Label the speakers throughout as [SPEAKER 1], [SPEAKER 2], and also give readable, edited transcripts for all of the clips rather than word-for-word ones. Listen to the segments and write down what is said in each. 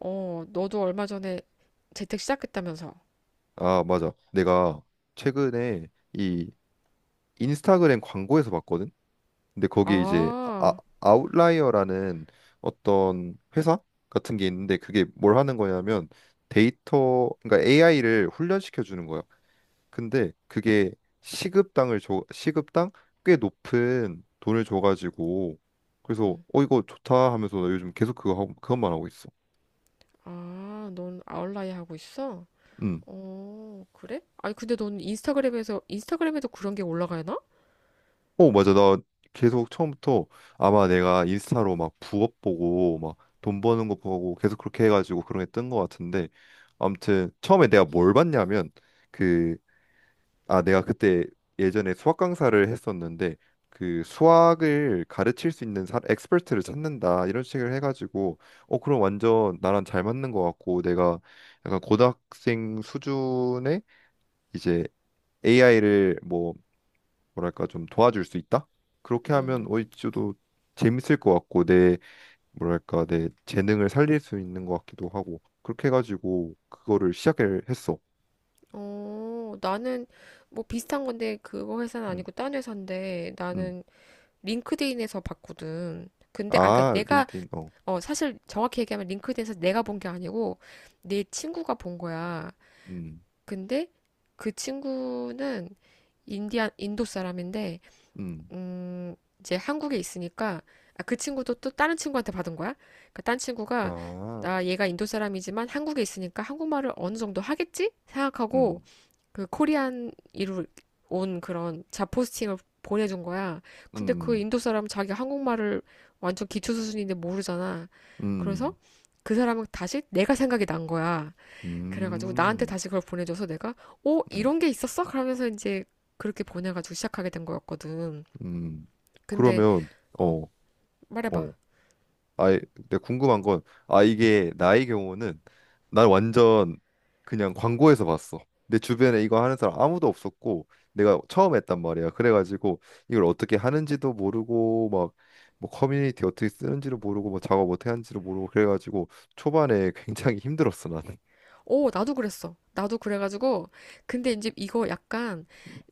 [SPEAKER 1] 어, 너도 얼마 전에 재택 시작했다면서.
[SPEAKER 2] 아, 맞아. 내가 최근에 이 인스타그램 광고에서 봤거든. 근데 거기 이제 아,
[SPEAKER 1] 아,
[SPEAKER 2] 아웃라이어라는 어떤 회사 같은 게 있는데 그게 뭘 하는 거냐면 데이터, 그러니까 AI를 훈련시켜 주는 거야. 근데 그게 시급당을 줘, 시급당 꽤 높은 돈을 줘가지고 그래서
[SPEAKER 1] 응.
[SPEAKER 2] 이거 좋다 하면서 나 요즘 계속 그것만 하고 있어.
[SPEAKER 1] 아, 넌 아웃라이 하고 있어?
[SPEAKER 2] 음.
[SPEAKER 1] 어, 그래? 아니, 근데 넌 인스타그램에서, 인스타그램에도 그런 게 올라가나?
[SPEAKER 2] 어, 맞아. 나 계속 처음부터 아마 내가 인스타로 막 부업 보고 막 돈 버는 거 보고 계속 그렇게 해가지고 그런 게 뜬 거 같은데 아무튼 처음에 내가 뭘 봤냐면 그 아 내가 그때 예전에 수학 강사를 했었는데 그 수학을 가르칠 수 있는 엑스퍼트를 찾는다 이런 식을 해가지고 그럼 완전 나랑 잘 맞는 거 같고 내가 약간 고등학생 수준의 이제 AI를 뭐 뭐랄까 좀 도와줄 수 있다? 그렇게 하면
[SPEAKER 1] 음.
[SPEAKER 2] 오이치도 재밌을 것 같고 내 뭐랄까 내 재능을 살릴 수 있는 것 같기도 하고 그렇게 해가지고 그거를 시작을 했어.
[SPEAKER 1] 어, 나는 뭐 비슷한 건데 그거 회사는
[SPEAKER 2] 음,
[SPEAKER 1] 아니고 딴 회사인데
[SPEAKER 2] 음.
[SPEAKER 1] 나는 링크드인에서 봤거든. 근데 아까
[SPEAKER 2] 아,
[SPEAKER 1] 내가
[SPEAKER 2] 링크드인 어.
[SPEAKER 1] 어 사실 정확히 얘기하면 링크드인에서 내가 본 게 아니고 내 친구가 본 거야.
[SPEAKER 2] 음,
[SPEAKER 1] 근데 그 친구는 인도 사람인데,
[SPEAKER 2] 음.
[SPEAKER 1] 이제 한국에 있으니까, 아, 그 친구도 또 다른 친구한테 받은 거야? 그러니까 딴 친구가,
[SPEAKER 2] 아,
[SPEAKER 1] 나 얘가 인도 사람이지만 한국에 있으니까 한국말을 어느 정도 하겠지? 생각하고,
[SPEAKER 2] 음,
[SPEAKER 1] 그 코리안 이로 온 그런 자포스팅을 보내준 거야. 근데 그
[SPEAKER 2] 음,
[SPEAKER 1] 인도 사람 은 자기 한국말을 완전 기초 수준인데 모르잖아. 그래서
[SPEAKER 2] 음,
[SPEAKER 1] 그 사람은 다시 내가 생각이 난 거야. 그래가지고 나한테
[SPEAKER 2] 음,
[SPEAKER 1] 다시 그걸 보내줘서 내가 어
[SPEAKER 2] 음,
[SPEAKER 1] 이런 게 있었어? 그러면서 이제 그렇게 보내가지고 시작하게 된 거였거든.
[SPEAKER 2] 음.
[SPEAKER 1] 근데
[SPEAKER 2] 그러면
[SPEAKER 1] 어
[SPEAKER 2] 어,
[SPEAKER 1] 말해봐.
[SPEAKER 2] 어. 아, 근데 궁금한 건, 아, 이게 나의 경우는 난 완전 그냥 광고에서 봤어. 내 주변에 이거 하는 사람 아무도 없었고, 내가 처음 했단 말이야. 그래가지고 이걸 어떻게 하는지도 모르고, 막 뭐 커뮤니티 어떻게 쓰는지도 모르고, 뭐 작업 어떻게 하는지도 모르고, 그래가지고 초반에 굉장히 힘들었어, 나는.
[SPEAKER 1] 어 나도 그랬어. 나도 그래가지고 근데 이제 이거 약간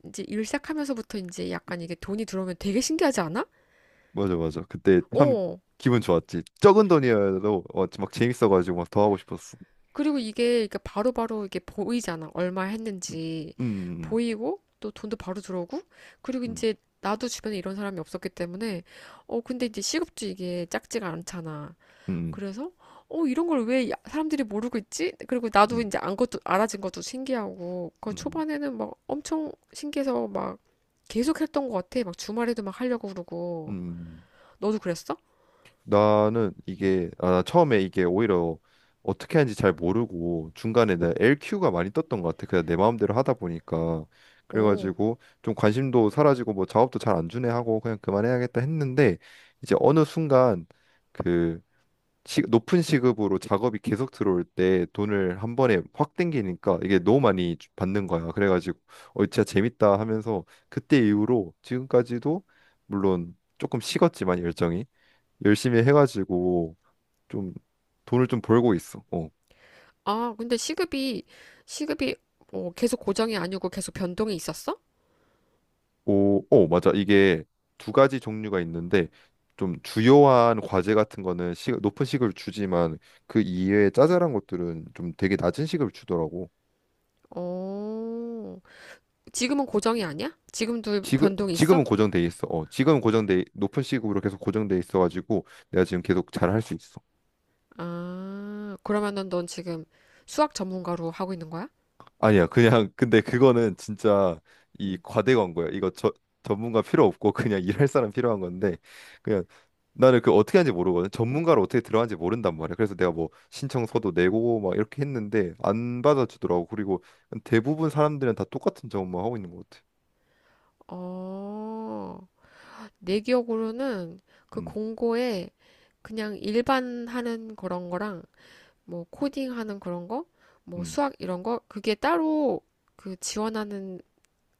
[SPEAKER 1] 이제 일 시작하면서부터 이제 약간 이게 돈이 들어오면 되게 신기하지 않아?
[SPEAKER 2] 맞아, 맞아. 그때 참
[SPEAKER 1] 어
[SPEAKER 2] 기분 좋았지. 적은 돈이어도 막 재밌어가지고 막 더 하고 싶었어.
[SPEAKER 1] 그리고 이게 이렇게 바로바로 이게 보이잖아. 얼마 했는지
[SPEAKER 2] 음,
[SPEAKER 1] 보이고 또 돈도 바로 들어오고 그리고
[SPEAKER 2] 음,
[SPEAKER 1] 이제 나도 주변에 이런 사람이 없었기 때문에 어 근데 이제 시급도 이게 작지가 않잖아.
[SPEAKER 2] 음,
[SPEAKER 1] 그래서 어 이런 걸 왜 사람들이 모르고 있지? 그리고 나도
[SPEAKER 2] 음,
[SPEAKER 1] 이제 안 것도 알아진 것도 신기하고 그
[SPEAKER 2] 음,
[SPEAKER 1] 초반에는 막 엄청 신기해서 막 계속 했던 것 같아. 막 주말에도 막 하려고
[SPEAKER 2] 음,
[SPEAKER 1] 그러고
[SPEAKER 2] 음.
[SPEAKER 1] 너도 그랬어?
[SPEAKER 2] 나는 이게 아, 처음에 이게 오히려 어떻게 하는지 잘 모르고 중간에 내 LQ가 많이 떴던 것 같아. 그냥 내 마음대로 하다 보니까
[SPEAKER 1] 어.
[SPEAKER 2] 그래가지고 좀 관심도 사라지고 뭐 작업도 잘 안 주네 하고 그냥 그만해야겠다 했는데 이제 어느 순간 그 높은 시급으로 작업이 계속 들어올 때 돈을 한 번에 확 땡기니까 이게 너무 많이 받는 거야. 그래가지고 진짜 재밌다 하면서 그때 이후로 지금까지도 물론 조금 식었지만 열정이 열심히 해가지고 좀 돈을 좀 벌고 있어. 어.
[SPEAKER 1] 아 근데 시급이 어, 계속 고정이 아니고 계속 변동이 있었어?
[SPEAKER 2] 오, 어, 맞아. 이게 두 가지 종류가 있는데 좀 주요한 과제 같은 거는 높은 시급을 주지만 그 이외에 짜잘한 것들은 좀 되게 낮은 시급을 주더라고.
[SPEAKER 1] 어. 지금은 고정이 아니야? 지금도
[SPEAKER 2] 지금
[SPEAKER 1] 변동이
[SPEAKER 2] 지금은
[SPEAKER 1] 있어?
[SPEAKER 2] 고정돼 있어. 어, 지금은 고정돼 높은 시급으로 계속 고정돼 있어가지고 내가 지금 계속 잘할 수 있어.
[SPEAKER 1] 아 그러면은 넌 지금 수학 전문가로 하고 있는 거야?
[SPEAKER 2] 아니야, 그냥 근데 그거는 진짜 이
[SPEAKER 1] 음.
[SPEAKER 2] 과대 광고야. 이거 저 전문가 필요 없고 그냥 일할 사람 필요한 건데 그냥 나는 그 어떻게 하는지 모르거든. 전문가를 어떻게 들어가는지 모른단 말이야. 그래서 내가 뭐 신청서도 내고 막 이렇게 했는데 안 받아주더라고. 그리고 대부분 사람들은 다 똑같은 작업만 하고 있는 것 같아.
[SPEAKER 1] 어. 내 기억으로는 그
[SPEAKER 2] 음,
[SPEAKER 1] 공고에 그냥 일반 하는 그런 거랑 뭐 코딩 하는 그런 거, 뭐
[SPEAKER 2] 음,
[SPEAKER 1] 수학 이런 거 그게 따로 그 지원하는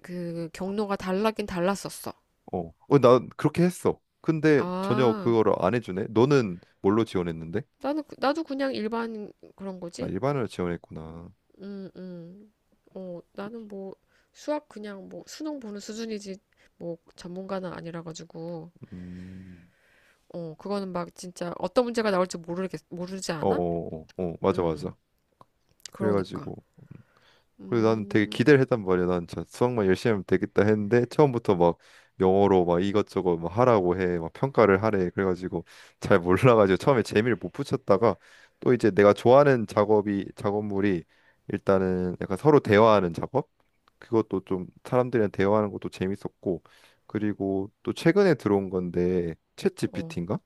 [SPEAKER 1] 그 경로가 달라긴 달랐었어.
[SPEAKER 2] 어, 어, 나 그렇게 했어. 근데 전혀
[SPEAKER 1] 아,
[SPEAKER 2] 그거를 안 해주네. 너는 뭘로 지원했는데?
[SPEAKER 1] 나는 나도 그냥 일반 그런
[SPEAKER 2] 아,
[SPEAKER 1] 거지.
[SPEAKER 2] 일반을 지원했구나.
[SPEAKER 1] 음, 음. 어, 나는 뭐 수학 그냥 뭐 수능 보는 수준이지 뭐 전문가는 아니라 가지고
[SPEAKER 2] 음,
[SPEAKER 1] 어, 그거는 막 진짜 어떤 문제가 나올지 모르겠 모르지
[SPEAKER 2] 어,
[SPEAKER 1] 않아?
[SPEAKER 2] 어, 어, 어, 맞아,
[SPEAKER 1] 음.
[SPEAKER 2] 맞아.
[SPEAKER 1] 그러니까.
[SPEAKER 2] 그래가지고. 그래서 나는 되게
[SPEAKER 1] 음,
[SPEAKER 2] 기대를 했단 말이야. 난 진짜 수학만 열심히 하면 되겠다 했는데 처음부터 막 영어로 막 이것저것 막 하라고 해. 막 평가를 하래. 그래가지고 잘 몰라가지고 처음에 재미를 못 붙였다가 또 이제 내가 좋아하는 작업이 작업물이 일단은 약간 서로 대화하는 작업? 그것도 좀 사람들이랑 대화하는 것도 재밌었고 그리고 또 최근에 들어온 건데 챗
[SPEAKER 1] 어,
[SPEAKER 2] GPT인가?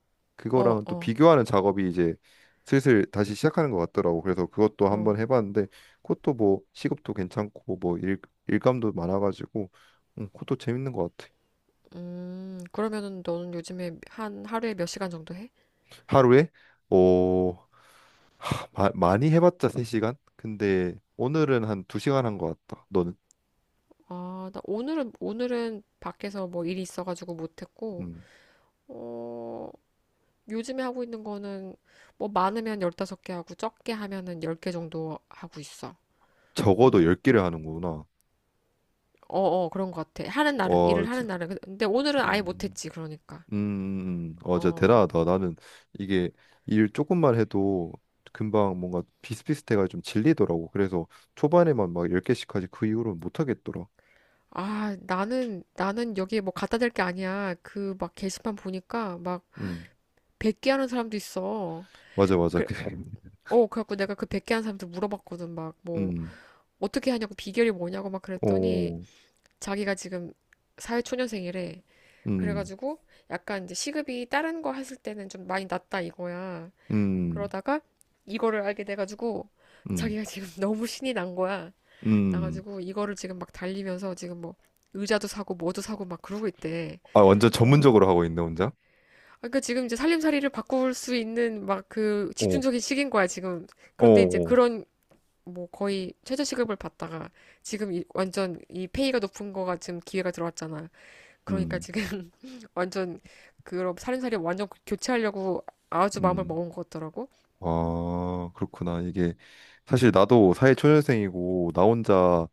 [SPEAKER 1] 어,
[SPEAKER 2] 그거랑 또
[SPEAKER 1] 어,
[SPEAKER 2] 비교하는 작업이 이제 슬슬 다시 시작하는 것 같더라고. 그래서 그것도
[SPEAKER 1] 어.
[SPEAKER 2] 한번 해봤는데 그것도 뭐 시급도 괜찮고 뭐 일감도 많아가지고 그것도 재밌는 것 같아.
[SPEAKER 1] 그러면은 너는 요즘에 한 하루에 몇 시간 정도 해?
[SPEAKER 2] 하루에 어 많이 해봤자 3시간? 근데 오늘은 한 2시간 한 것 같다. 너는
[SPEAKER 1] 아, 나 오늘은, 오늘은 밖에서 뭐 일이 있어가지고 못했고,
[SPEAKER 2] 음,
[SPEAKER 1] 어, 요즘에 하고 있는 거는 뭐 많으면 열다섯 개 하고 적게 하면은 열 개 정도 하고 있어.
[SPEAKER 2] 적어도
[SPEAKER 1] 어,
[SPEAKER 2] 10개를 하는구나.
[SPEAKER 1] 어, 어, 그런 것 같아. 하는 날은,
[SPEAKER 2] 어,
[SPEAKER 1] 일을 하는 날은. 그, 근데 오늘은 아예
[SPEAKER 2] 음,
[SPEAKER 1] 못했지, 그러니까.
[SPEAKER 2] 어, 진짜
[SPEAKER 1] 어.
[SPEAKER 2] 대단하다. 나는 이게 일 조금만 해도 금방 뭔가 비슷비슷해가 좀 질리더라고. 그래서 초반에만 막 10개씩까지 그 이후로는 못 하겠더라.
[SPEAKER 1] 아, 나는, 나는 여기에 뭐 갖다 댈 게 아니야. 그 막 게시판 보니까 막
[SPEAKER 2] 음,
[SPEAKER 1] 100개 하는 사람도 있어.
[SPEAKER 2] 맞아, 맞아.
[SPEAKER 1] 그래,
[SPEAKER 2] 그,
[SPEAKER 1] 어, 그래갖고 내가 그 100개 하는 사람한테 물어봤거든. 막, 뭐,
[SPEAKER 2] 음.
[SPEAKER 1] 어떻게 하냐고, 비결이 뭐냐고 막 그랬더니,
[SPEAKER 2] 오,
[SPEAKER 1] 자기가 지금 사회초년생이래.
[SPEAKER 2] 음,
[SPEAKER 1] 그래가지고, 약간 이제 시급이 다른 거 했을 때는 좀 많이 낮다 이거야.
[SPEAKER 2] 음,
[SPEAKER 1] 그러다가, 이거를 알게 돼가지고,
[SPEAKER 2] 음,
[SPEAKER 1] 자기가 지금 너무 신이 난 거야.
[SPEAKER 2] 음.
[SPEAKER 1] 나가지고, 이거를 지금 막 달리면서 지금 뭐, 의자도 사고, 뭐도 사고 막 그러고 있대.
[SPEAKER 2] 아, 완전
[SPEAKER 1] 어,
[SPEAKER 2] 전문적으로 하고 있네, 혼자?
[SPEAKER 1] 그러니까 지금 이제 살림살이를 바꿀 수 있는 막 그
[SPEAKER 2] 오,
[SPEAKER 1] 집중적인 시기인 거야, 지금.
[SPEAKER 2] 오,
[SPEAKER 1] 그런데 이제
[SPEAKER 2] 오,
[SPEAKER 1] 그런 뭐 거의 최저시급을 받다가 지금 완전 이 페이가 높은 거가 지금 기회가 들어왔잖아. 그러니까
[SPEAKER 2] 음,
[SPEAKER 1] 지금 완전 그런 살림살이 완전 교체하려고 아주 마음을
[SPEAKER 2] 음.
[SPEAKER 1] 먹은 것 같더라고.
[SPEAKER 2] 아, 그렇구나. 이게 사실 나도 사회초년생이고 나 혼자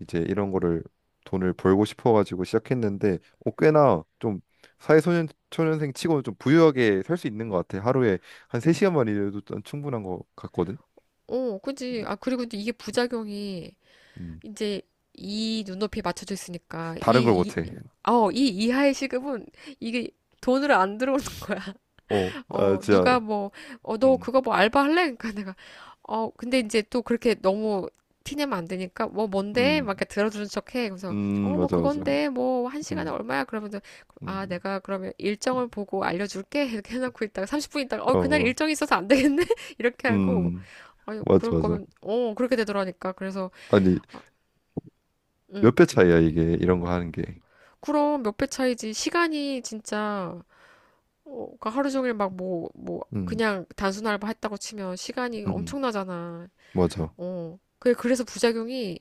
[SPEAKER 2] 이제 이런 거를 돈을 벌고 싶어가지고 시작했는데 어, 꽤나 좀 사회초년생 치고는 좀 부유하게 살 수 있는 것 같아. 하루에 한 3시간만 일해도 난 충분한 것 같거든.
[SPEAKER 1] 어, 그지. 아, 그리고 근 이게 부작용이
[SPEAKER 2] 음,
[SPEAKER 1] 이제 이 눈높이에 맞춰져 있으니까
[SPEAKER 2] 다른 걸
[SPEAKER 1] 이, 이,
[SPEAKER 2] 못해.
[SPEAKER 1] 어, 이 이하의 시급은 이게 돈으로 안 들어오는 거야.
[SPEAKER 2] 어, 아,
[SPEAKER 1] 어,
[SPEAKER 2] 진짜.
[SPEAKER 1] 누가 뭐, 어, 너
[SPEAKER 2] 음,
[SPEAKER 1] 그거 뭐 알바 할래? 그러니까 내가, 어, 근데 이제 또 그렇게 너무 티내면 안 되니까, 뭐, 뭔데? 막 이렇게
[SPEAKER 2] 음.
[SPEAKER 1] 들어주는 척 해. 그래서, 어, 뭐,
[SPEAKER 2] 맞아, 맞아.
[SPEAKER 1] 그건데, 뭐, 한 시간에
[SPEAKER 2] 음,
[SPEAKER 1] 얼마야? 그러면서,
[SPEAKER 2] 음,
[SPEAKER 1] 아, 내가 그러면 일정을 보고 알려줄게. 이렇게 해놓고 있다가, 30분 있다가, 어, 그날
[SPEAKER 2] 어,
[SPEAKER 1] 일정이 있어서 안 되겠네? 이렇게 하고,
[SPEAKER 2] 음,
[SPEAKER 1] 아유,
[SPEAKER 2] 맞아,
[SPEAKER 1] 그럴
[SPEAKER 2] 맞아.
[SPEAKER 1] 거면, 어, 그렇게 되더라니까. 그래서,
[SPEAKER 2] 아니,
[SPEAKER 1] 아, 응.
[SPEAKER 2] 몇 배 차이야, 이게, 이런 거 하는 게.
[SPEAKER 1] 그럼 몇 배 차이지. 시간이 진짜, 어, 그러니까 하루 종일 막 뭐, 뭐,
[SPEAKER 2] 음,
[SPEAKER 1] 그냥 단순 알바 했다고 치면 시간이
[SPEAKER 2] 음, 음.
[SPEAKER 1] 엄청나잖아.
[SPEAKER 2] 맞아.
[SPEAKER 1] 어. 그게 그래서 부작용이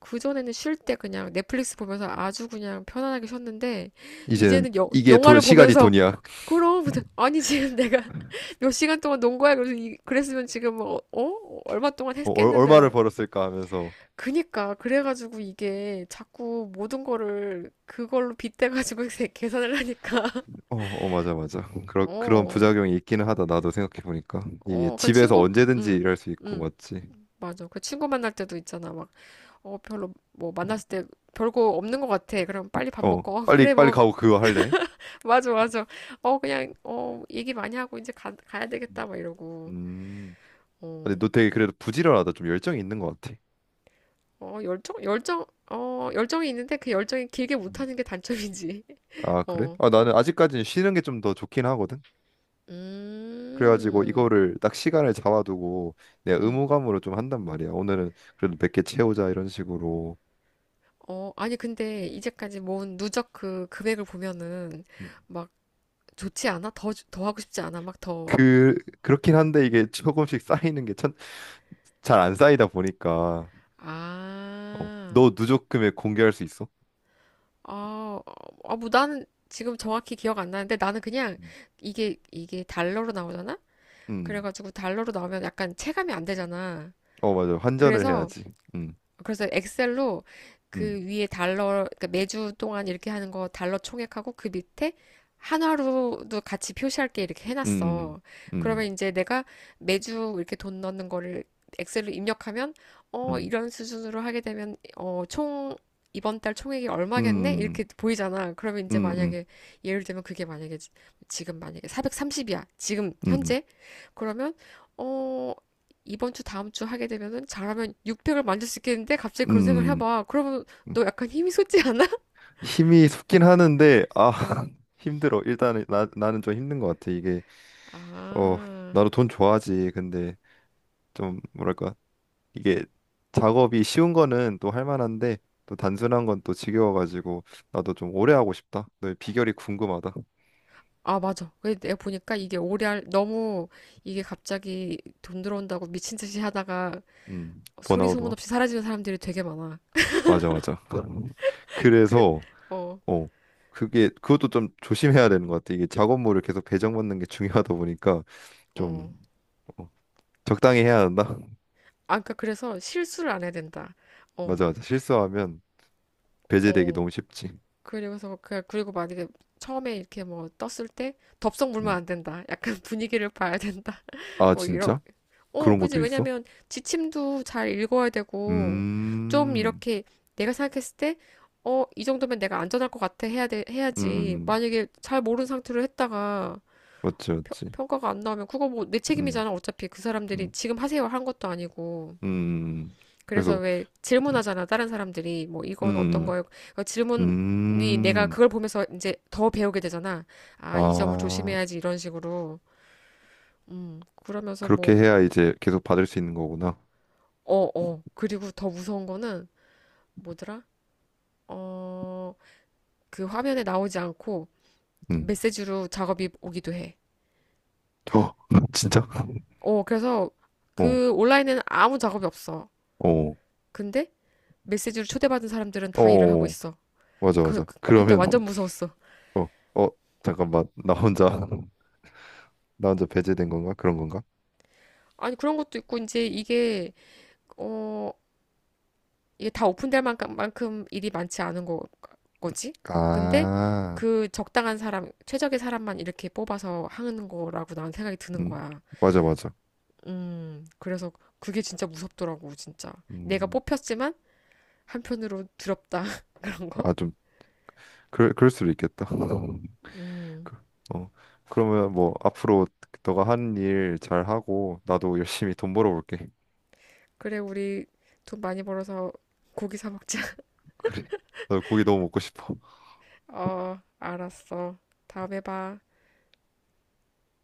[SPEAKER 1] 그전에는 쉴 때 그냥 넷플릭스 보면서 아주 그냥 편안하게 쉬었는데
[SPEAKER 2] 이제,
[SPEAKER 1] 이제는 여,
[SPEAKER 2] 이게 돈,
[SPEAKER 1] 영화를
[SPEAKER 2] 시간이
[SPEAKER 1] 보면서
[SPEAKER 2] 돈이야.
[SPEAKER 1] 그럼 무슨 아니 지금 내가 몇 시간 동안 논 거야 그래서 이, 그랬으면 지금 뭐, 어 얼마 동안
[SPEAKER 2] 어,
[SPEAKER 1] 했겠는데
[SPEAKER 2] 얼마를
[SPEAKER 1] 막
[SPEAKER 2] 벌었을까 하면서.
[SPEAKER 1] 그니까 그래가지고 이게 자꾸 모든 거를 그걸로 빗대가지고 계산을 하니까
[SPEAKER 2] 어, 어, 맞아, 맞아. 그런
[SPEAKER 1] 어
[SPEAKER 2] 부작용이 있기는 하다, 나도 생각해보니까. 이게
[SPEAKER 1] 어, 그
[SPEAKER 2] 집에서
[SPEAKER 1] 친구,
[SPEAKER 2] 언제든지
[SPEAKER 1] 응
[SPEAKER 2] 일할 수 있고,
[SPEAKER 1] 응
[SPEAKER 2] 맞지?
[SPEAKER 1] 맞아. 그 친구 만날 때도 있잖아. 막, 어, 별로, 뭐, 만났을 때 별거 없는 것 같아. 그럼 빨리 밥
[SPEAKER 2] 어,
[SPEAKER 1] 먹고. 어, 그래,
[SPEAKER 2] 빨리, 빨리
[SPEAKER 1] 뭐,
[SPEAKER 2] 가고 그거 할래?
[SPEAKER 1] 맞아, 맞아. 어, 그냥, 어, 얘기 많이 하고 이제 가야 되겠다. 막 이러고.
[SPEAKER 2] 음, 근데
[SPEAKER 1] 어,
[SPEAKER 2] 너 되게 그래도 부지런하다. 좀 열정이 있는 것 같아.
[SPEAKER 1] 어, 열정, 열정, 어, 열정이 있는데 그 열정이 길게
[SPEAKER 2] 음.
[SPEAKER 1] 못하는 게 단점이지.
[SPEAKER 2] 아, 그래?
[SPEAKER 1] 어,
[SPEAKER 2] 아, 나는 아직까지는 쉬는 게 좀 더 좋긴 하거든. 그래가지고
[SPEAKER 1] 음,
[SPEAKER 2] 이거를 딱 시간을 잡아두고 내가
[SPEAKER 1] 음.
[SPEAKER 2] 의무감으로 좀 한단 말이야. 오늘은 그래도 몇 개 채우자 이런 식으로.
[SPEAKER 1] 어, 아니, 근데 이제까지 모은 누적 그 금액을 보면은
[SPEAKER 2] 음.
[SPEAKER 1] 막 좋지 않아? 더, 더 하고 싶지 않아? 막 더.
[SPEAKER 2] 그 그렇긴 한데 이게 조금씩 쌓이는 게 잘 안 쌓이다 보니까 어,
[SPEAKER 1] 아,
[SPEAKER 2] 너 누적 금액 공개할 수 있어?
[SPEAKER 1] 어, 어, 뭐 나는 지금 정확히 기억 안 나는데 나는 그냥
[SPEAKER 2] 음.
[SPEAKER 1] 이게, 이게 달러로 나오잖아?
[SPEAKER 2] 음.
[SPEAKER 1] 그래가지고 달러로 나오면 약간 체감이 안 되잖아.
[SPEAKER 2] 어 맞아. 환전을
[SPEAKER 1] 그래서
[SPEAKER 2] 해야지. 음.
[SPEAKER 1] 엑셀로
[SPEAKER 2] 음.
[SPEAKER 1] 그 위에 달러, 그러니까 매주 동안 이렇게 하는 거 달러 총액하고 그 밑에 한화로도 같이 표시할 게 이렇게
[SPEAKER 2] 음.
[SPEAKER 1] 해놨어. 그러면
[SPEAKER 2] 음.
[SPEAKER 1] 이제 내가 매주 이렇게 돈 넣는 거를 엑셀로 입력하면, 어,
[SPEAKER 2] 음.
[SPEAKER 1] 이런 수준으로 하게 되면, 어, 총, 이번 달 총액이 얼마겠네?
[SPEAKER 2] 음.
[SPEAKER 1] 이렇게 보이잖아. 그러면 이제
[SPEAKER 2] 음. 음.
[SPEAKER 1] 만약에, 예를 들면 그게 만약에, 지금 만약에 430이야. 지금,
[SPEAKER 2] 음.
[SPEAKER 1] 현재. 그러면, 어, 이번 주 다음 주 하게 되면은 잘하면 6백을 만들 수 있겠는데 갑자기 그런 생각을
[SPEAKER 2] 음.
[SPEAKER 1] 해봐. 그러면 너
[SPEAKER 2] 음.
[SPEAKER 1] 약간 힘이 솟지 않아?
[SPEAKER 2] 힘이 솟긴 하는데 아
[SPEAKER 1] 어.
[SPEAKER 2] 힘들어. 일단은 나 나는 좀 힘든 것 같아. 이게 어,
[SPEAKER 1] 아.
[SPEAKER 2] 나도 돈 좋아하지. 근데 좀 뭐랄까 이게 작업이 쉬운 거는 또 할 만한데 또 단순한 건 또 지겨워가지고 나도 좀 오래 하고 싶다. 너의 비결이 궁금하다.
[SPEAKER 1] 아, 맞아. 근데 내가 보니까 이게 오래 할, 너무 이게 갑자기 돈 들어온다고 미친 듯이 하다가 소리
[SPEAKER 2] 번아웃
[SPEAKER 1] 소문
[SPEAKER 2] 와?
[SPEAKER 1] 없이 사라지는 사람들이 되게 많아.
[SPEAKER 2] 맞아, 맞아.
[SPEAKER 1] 그래.
[SPEAKER 2] 그래서
[SPEAKER 1] 어.
[SPEAKER 2] 어, 그게 그것도 좀 조심해야 되는 것 같아. 이게 작업물을 계속 배정받는 게 중요하다 보니까 좀
[SPEAKER 1] 어.
[SPEAKER 2] 어, 적당히 해야 한다.
[SPEAKER 1] 아, 그니까 그래서 실수를 안 해야 된다. 어.
[SPEAKER 2] 맞아, 맞아. 실수하면 배제되기
[SPEAKER 1] 어.
[SPEAKER 2] 너무 쉽지.
[SPEAKER 1] 그리고서 그 그리고 만약에 처음에 이렇게 뭐 떴을 때 덥석 물면
[SPEAKER 2] 음.
[SPEAKER 1] 안 된다. 약간 분위기를 봐야 된다.
[SPEAKER 2] 아,
[SPEAKER 1] 뭐 이런
[SPEAKER 2] 진짜?
[SPEAKER 1] 어,
[SPEAKER 2] 그런
[SPEAKER 1] 그지.
[SPEAKER 2] 것도 있어?
[SPEAKER 1] 왜냐면 지침도 잘 읽어야 되고, 좀
[SPEAKER 2] 음.
[SPEAKER 1] 이렇게 내가 생각했을 때, 어, 이 정도면 내가 안전할 것 같아 해야 돼,
[SPEAKER 2] 음, 음,
[SPEAKER 1] 해야지.
[SPEAKER 2] 음.
[SPEAKER 1] 만약에 잘 모르는 상태로 했다가
[SPEAKER 2] 맞지,
[SPEAKER 1] 평,
[SPEAKER 2] 맞지.
[SPEAKER 1] 평가가 안 나오면 그거 뭐 내
[SPEAKER 2] 음,
[SPEAKER 1] 책임이잖아. 어차피 그 사람들이
[SPEAKER 2] 음,
[SPEAKER 1] 지금 하세요 한 것도 아니고.
[SPEAKER 2] 음.
[SPEAKER 1] 그래서
[SPEAKER 2] 그래서,
[SPEAKER 1] 왜
[SPEAKER 2] 음,
[SPEAKER 1] 질문하잖아. 다른 사람들이 뭐 이건 어떤
[SPEAKER 2] 음,
[SPEAKER 1] 거예요? 그 질문이 내가
[SPEAKER 2] 음.
[SPEAKER 1] 그걸 보면서 이제 더 배우게 되잖아. 아, 이 점을
[SPEAKER 2] 아,
[SPEAKER 1] 조심해야지 이런 식으로. 그러면서
[SPEAKER 2] 그렇게
[SPEAKER 1] 뭐,
[SPEAKER 2] 해야 이제 계속 받을 수 있는 거구나.
[SPEAKER 1] 어, 어. 그리고 더 무서운 거는 뭐더라? 어, 그 화면에 나오지 않고
[SPEAKER 2] 음.
[SPEAKER 1] 메시지로 작업이 오기도 해.
[SPEAKER 2] 어, 진짜?
[SPEAKER 1] 어, 그래서
[SPEAKER 2] 어,
[SPEAKER 1] 그 온라인에는 아무 작업이 없어.
[SPEAKER 2] 어,
[SPEAKER 1] 근데 메시지로 초대받은 사람들은 다 일을 하고
[SPEAKER 2] 어,
[SPEAKER 1] 있어.
[SPEAKER 2] 맞아,
[SPEAKER 1] 그,
[SPEAKER 2] 맞아.
[SPEAKER 1] 그때
[SPEAKER 2] 그러면,
[SPEAKER 1] 완전 무서웠어.
[SPEAKER 2] 어, 어, 잠깐만. 나 혼자, 나 혼자 배제된 건가? 그런 건가?
[SPEAKER 1] 아니, 그런 것도 있고, 이제 이게, 어, 이게 다 오픈될 만큼, 만큼 일이 많지 않은 거, 거지? 근데
[SPEAKER 2] 아,
[SPEAKER 1] 그 적당한 사람, 최적의 사람만 이렇게 뽑아서 하는 거라고 나는 생각이 드는
[SPEAKER 2] 음,
[SPEAKER 1] 거야.
[SPEAKER 2] 맞아, 맞아.
[SPEAKER 1] 그래서 그게 진짜 무섭더라고, 진짜. 내가
[SPEAKER 2] 음,
[SPEAKER 1] 뽑혔지만 한편으로 두렵다, 그런 거.
[SPEAKER 2] 아, 좀, 그럴 수도 있겠다.
[SPEAKER 1] 음,
[SPEAKER 2] 그- 어, 그러면 뭐 앞으로 너가 하는 일 잘하고 나도 열심히 돈 벌어볼게.
[SPEAKER 1] 그래, 우리 돈 많이 벌어서 고기 사 먹자.
[SPEAKER 2] 그래. 나 고기 너무 먹고 싶어.
[SPEAKER 1] 어, 알았어. 다음에 봐.